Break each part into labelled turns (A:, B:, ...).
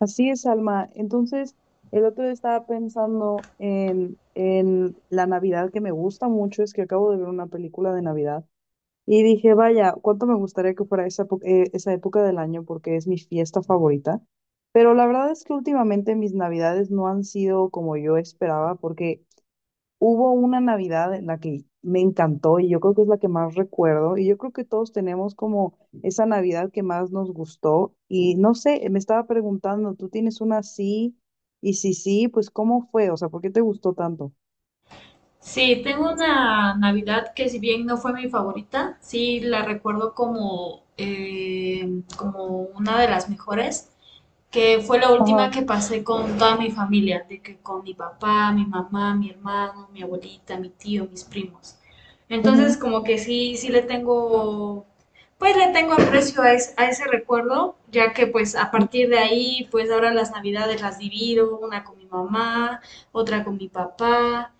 A: Así es, Alma. Entonces, el otro día estaba pensando en la Navidad que me gusta mucho, es que acabo de ver una película de Navidad y dije, vaya, cuánto me gustaría que fuera esa época del año porque es mi fiesta favorita. Pero la verdad es que últimamente mis Navidades no han sido como yo esperaba porque hubo una Navidad en la que me encantó y yo creo que es la que más recuerdo y yo creo que todos tenemos como esa Navidad que más nos gustó y no sé, me estaba preguntando, ¿tú tienes una así? Y si sí, pues ¿cómo fue? O sea, ¿por qué te gustó tanto?
B: Sí, tengo una Navidad que si bien no fue mi favorita, sí la recuerdo como, como una de las mejores que fue la
A: Ajá,
B: última que pasé con toda mi familia, de que con mi papá, mi mamá, mi hermano, mi abuelita, mi tío, mis primos. Entonces,
A: ujú,
B: como que sí, le tengo aprecio a, a ese recuerdo, ya que pues a partir de ahí, pues ahora las navidades las divido, una con mi mamá, otra con mi papá,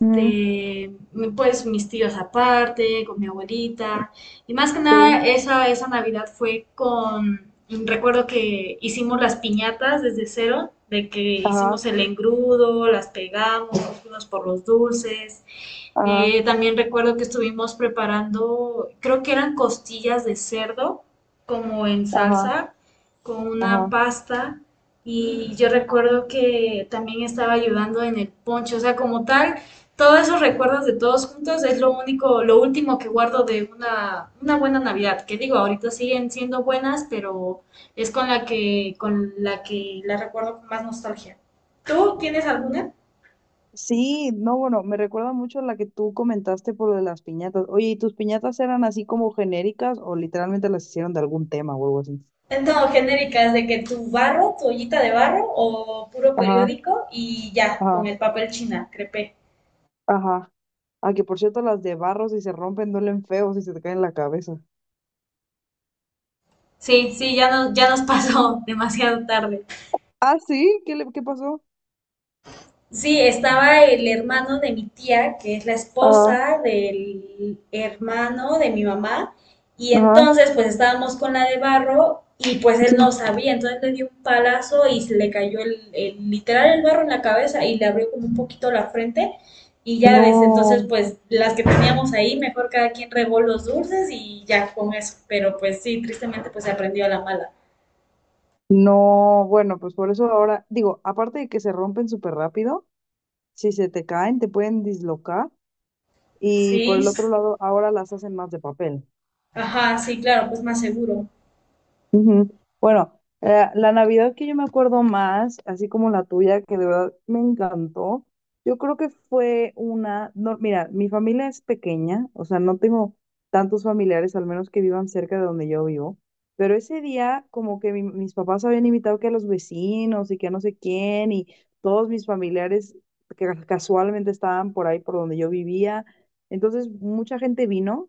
A: ujú,
B: pues mis tíos aparte, con mi abuelita. Y más que
A: sí,
B: nada, esa Navidad fue con, recuerdo que hicimos las piñatas desde cero, de que
A: ajá,
B: hicimos el engrudo, las pegamos, nos fuimos por los dulces,
A: ajá,
B: también recuerdo que estuvimos preparando, creo que eran costillas de cerdo, como en
A: ajá,
B: salsa, con una
A: ajá.
B: pasta. Y yo recuerdo que también estaba ayudando en el ponche, o sea, como tal, todos esos recuerdos de todos juntos es lo único, lo último que guardo de una buena Navidad, que digo, ahorita siguen siendo buenas, pero es con la que la recuerdo con más nostalgia. ¿Tú tienes alguna?
A: Sí, no, bueno, me recuerda mucho a la que tú comentaste por lo de las piñatas. Oye, ¿y tus piñatas eran así como genéricas o literalmente las hicieron de algún tema o algo así?
B: No, genéricas, de que tu barro, tu ollita de barro o puro
A: Ajá,
B: periódico y ya, con
A: ajá.
B: el papel china, crepé.
A: Ajá. Ah, que por cierto, las de barro, si se rompen, duelen feo si se te caen en la cabeza.
B: Sí, sí, ya nos pasó demasiado tarde.
A: Ah, sí, qué pasó?
B: Sí, estaba el hermano de mi tía, que es la
A: Ah,
B: esposa del hermano de mi mamá, y
A: ajá,
B: entonces pues estábamos con la de barro y pues él
A: sí.
B: no sabía, entonces le dio un palazo y se le cayó literal el barro en la cabeza y le abrió como un poquito la frente y ya desde entonces
A: No,
B: pues las que teníamos ahí, mejor cada quien regó los dulces y ya con eso, pero pues sí, tristemente pues se aprendió a la mala.
A: no, bueno, pues por eso ahora, digo, aparte de que se rompen súper rápido, si se te caen, te pueden dislocar. Y por
B: Sí,
A: el otro lado, ahora las hacen más de papel.
B: ajá, sí, claro, pues más seguro.
A: Ujú. Bueno, la Navidad que yo me acuerdo más, así como la tuya, que de verdad me encantó, yo creo que fue una, no, mira, mi familia es pequeña, o sea, no tengo tantos familiares, al menos que vivan cerca de donde yo vivo, pero ese día como que mis papás habían invitado que a los vecinos y que a no sé quién y todos mis familiares que casualmente estaban por ahí por donde yo vivía, entonces mucha gente vino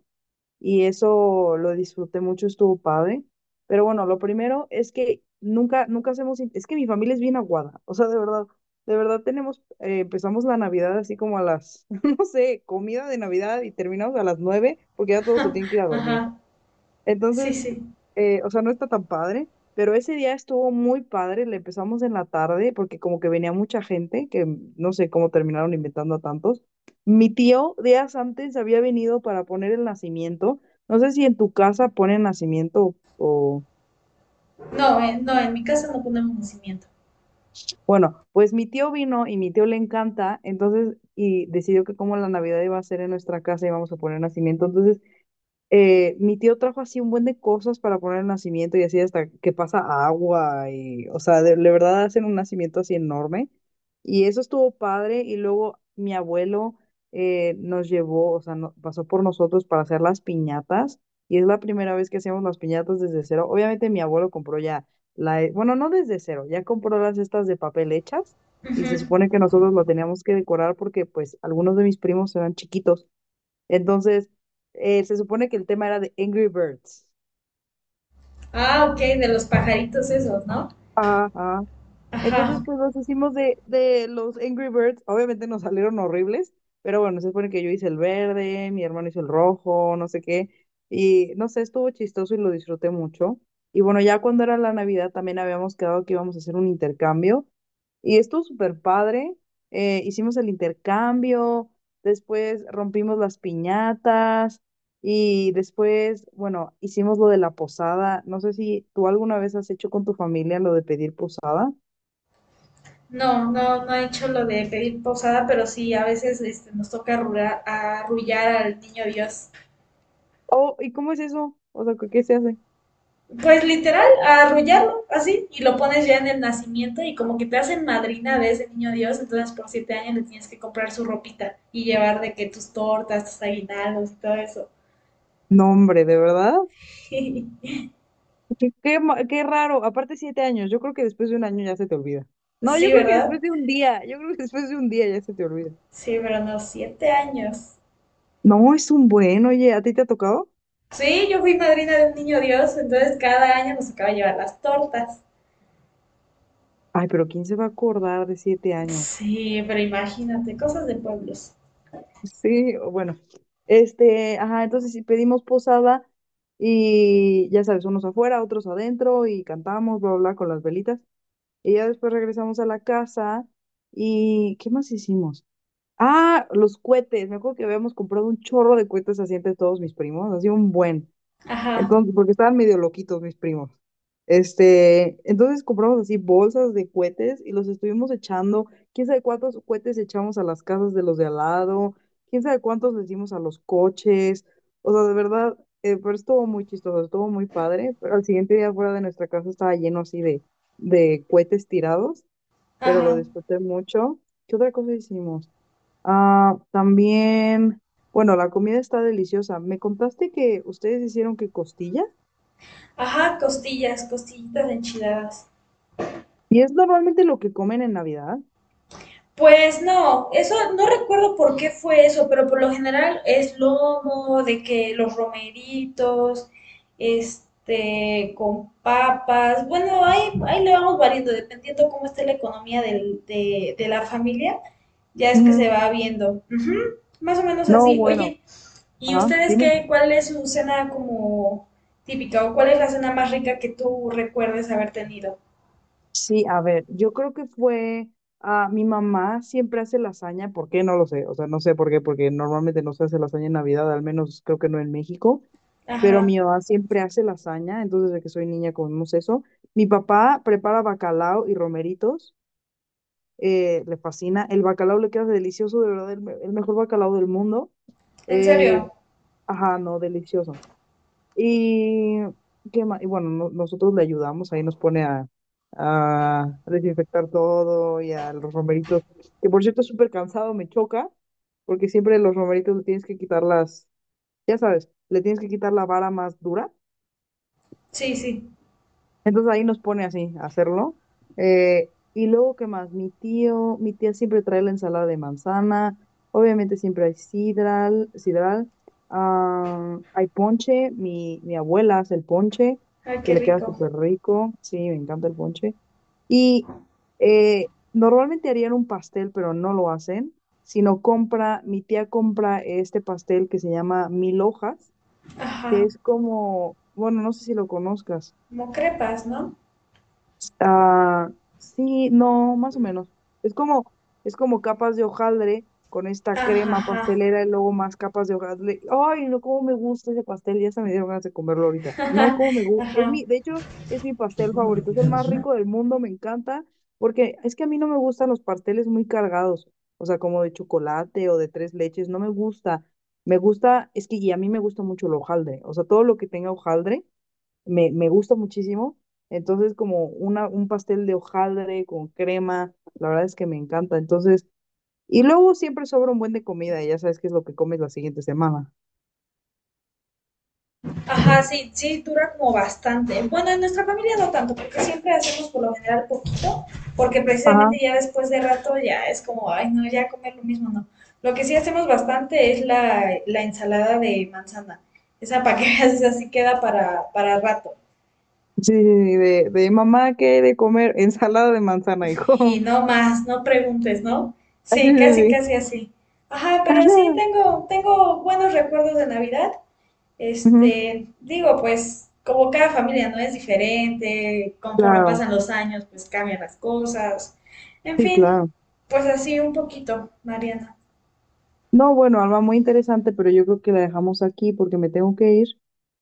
A: y eso lo disfruté mucho, estuvo padre. Pero bueno, lo primero es que nunca, nunca hacemos, es que mi familia es bien aguada, o sea, de verdad tenemos, empezamos la Navidad así como a las, no sé, comida de Navidad y terminamos a las 9 porque ya todos se tienen que ir a dormir.
B: Ajá, sí,
A: Entonces,
B: sí.
A: o sea, no está tan padre, pero ese día estuvo muy padre, le empezamos en la tarde porque como que venía mucha gente, que no sé cómo terminaron inventando a tantos. Mi tío días antes había venido para poner el nacimiento, no sé si en tu casa ponen nacimiento o...
B: No, no, en mi casa no ponemos nacimiento.
A: Bueno, pues mi tío vino y mi tío le encanta, entonces, y decidió que como la Navidad iba a ser en nuestra casa íbamos a poner nacimiento, entonces mi tío trajo así un buen de cosas para poner el nacimiento y así hasta que pasa agua y, o sea, de verdad hacen un nacimiento así enorme. Y eso estuvo padre y luego mi abuelo nos llevó, o sea, pasó por nosotros para hacer las piñatas y es la primera vez que hacemos las piñatas desde cero. Obviamente mi abuelo compró ya la, bueno, no desde cero, ya compró las estas de papel hechas y se
B: Ujú.
A: supone que nosotros lo teníamos que decorar porque pues algunos de mis primos eran chiquitos. Entonces, se supone que el tema era de Angry Birds.
B: Ah, ok, de los pajaritos esos, ¿no?
A: Ajá. Ajá. Entonces,
B: Ajá.
A: pues los hicimos de los Angry Birds. Obviamente nos salieron horribles, pero bueno, se supone que yo hice el verde, mi hermano hizo el rojo, no sé qué. Y no sé, estuvo chistoso y lo disfruté mucho. Y bueno, ya cuando era la Navidad también habíamos quedado que íbamos a hacer un intercambio. Y estuvo súper padre. Hicimos el intercambio, después rompimos las piñatas y después, bueno, hicimos lo de la posada. No sé si tú alguna vez has hecho con tu familia lo de pedir posada.
B: No, no, no he hecho lo de pedir posada, pero sí, a veces nos toca arrullar al niño Dios.
A: Oh, ¿y cómo es eso? O sea, ¿qué se hace?
B: Pues literal, arrullarlo así, y lo pones ya en el nacimiento y como que te hacen madrina de ese niño Dios, entonces por 7 años le tienes que comprar su ropita y llevar de que tus tortas, tus aguinaldos y todo eso.
A: No, hombre, ¿de verdad? Qué, qué, qué raro. Aparte, 7 años. Yo creo que después de un año ya se te olvida. No,
B: Sí,
A: yo creo que
B: ¿verdad?
A: después de un día. Yo creo que después de un día ya se te olvida.
B: Sí, pero no, 7 años.
A: No, es un buen, oye, ¿a ti te ha tocado?
B: Sí, yo fui madrina de un niño Dios, entonces cada año nos tocaba llevar las tortas.
A: Ay, pero ¿quién se va a acordar de 7 años?
B: Sí, pero imagínate, cosas de pueblos.
A: Sí, o bueno. Este, ajá, entonces sí pedimos posada y ya sabes, unos afuera, otros adentro y cantamos, bla, bla, bla, con las velitas. Y ya después regresamos a la casa y ¿qué más hicimos? Ah, los cohetes. Me acuerdo que habíamos comprado un chorro de cohetes así entre todos mis primos, así un buen.
B: Ajá,
A: Entonces, porque estaban medio loquitos mis primos. Este, entonces compramos así bolsas de cohetes y los estuvimos echando. ¿Quién sabe cuántos cohetes echamos a las casas de los de al lado? ¿Quién sabe cuántos le dimos a los coches? O sea, de verdad, pero estuvo muy chistoso, estuvo muy padre. Pero al siguiente día fuera de nuestra casa estaba lleno así de cohetes tirados, pero lo
B: ajá,
A: disfruté mucho. ¿Qué otra cosa hicimos? Ah, también, bueno, la comida está deliciosa. Me contaste que ustedes hicieron que costilla
B: ajá, costillitas enchiladas.
A: y es normalmente lo que comen en Navidad.
B: Pues no, eso no recuerdo por qué fue eso, pero por lo general es lomo, de que los romeritos, con papas. Bueno, ahí le vamos variando, dependiendo cómo esté la economía de la familia. Ya es que se
A: Ujú.
B: va viendo. Ujú. Más o menos
A: No,
B: así.
A: bueno,
B: Oye, ¿y
A: ajá,
B: ustedes
A: dime.
B: qué? ¿Cuál es su cena como típica o cuál es la cena más rica que tú recuerdes haber tenido?
A: Sí, a ver, yo creo que fue, ah, mi mamá siempre hace lasaña, ¿por qué? No lo sé, o sea, no sé por qué, porque normalmente no se hace lasaña en Navidad, al menos creo que no en México, pero
B: Ajá.
A: mi mamá siempre hace lasaña, entonces desde que soy niña comemos eso. Mi papá prepara bacalao y romeritos. Le fascina. El bacalao le queda delicioso, de verdad, el, el mejor bacalao del mundo.
B: ¿En
A: Eh,
B: serio?
A: ajá, no, delicioso. Y, ¿qué más? Y bueno, nosotros le ayudamos, ahí nos pone a desinfectar todo y a los romeritos, que por cierto es súper cansado, me choca, porque siempre los romeritos le tienes que quitar las, ya sabes, le tienes que quitar la vara más dura.
B: Sí, sí.
A: Entonces ahí nos pone así a hacerlo. Y luego, ¿qué más? Mi tío, mi tía siempre trae la ensalada de manzana. Obviamente siempre hay sidral, sidral. Ah, hay ponche. Mi abuela hace el ponche,
B: Ay,
A: que
B: qué
A: le queda
B: rico.
A: súper rico. Sí, me encanta el ponche. Y normalmente harían un pastel, pero no lo hacen, sino compra, mi tía compra este pastel que se llama Mil Hojas, que
B: Ajá.
A: es como, bueno, no sé si lo conozcas.
B: Como crepas, ¿no?
A: Ah, sí, no, más o menos. Es como, es como capas de hojaldre con esta
B: Ajá,
A: crema
B: ajá.
A: pastelera y luego más capas de hojaldre. Ay, no, cómo me gusta ese pastel. Ya se me dieron ganas de comerlo ahorita. No, cómo me gusta. Es
B: Ajá.
A: mi, de hecho, es mi pastel favorito. Es el más rico del mundo, me encanta. Porque es que a mí no me gustan los pasteles muy cargados. O sea, como de chocolate o de tres leches. No me gusta. Me gusta, es que y a mí me gusta mucho el hojaldre. O sea, todo lo que tenga hojaldre me gusta muchísimo. Entonces, como un pastel de hojaldre con crema, la verdad es que me encanta. Entonces, y luego siempre sobra un buen de comida, y ya sabes qué es lo que comes la siguiente semana.
B: Ajá, sí, sí, dura como bastante. Bueno, en nuestra familia no tanto, porque siempre hacemos por lo general poquito, porque
A: Ajá.
B: precisamente ya después de rato ya es como, ay, no, ya comer lo mismo, no. Lo que sí hacemos bastante es la ensalada de manzana. Esa para que veas, esa sí queda para rato.
A: Sí, sí, sí, de mamá, ¿qué hay de comer? Ensalada de manzana,
B: Y
A: hijo.
B: no más, no preguntes, ¿no?
A: Sí,
B: Sí,
A: sí,
B: casi,
A: sí.
B: casi así. Ajá, pero sí tengo buenos recuerdos de Navidad.
A: Ujú,
B: Este, digo, pues como cada familia no es diferente, conforme
A: claro,
B: pasan los años, pues cambian las cosas. En
A: sí,
B: fin,
A: claro.
B: pues así un poquito, Mariana.
A: No, bueno, Alma, muy interesante, pero yo creo que la dejamos aquí porque me tengo que ir.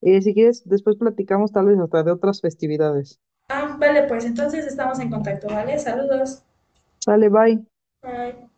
A: Si quieres, después platicamos tal vez hasta de otras festividades.
B: Ah, vale, pues entonces estamos en contacto, ¿vale? Saludos.
A: Sale, bye.
B: Bye.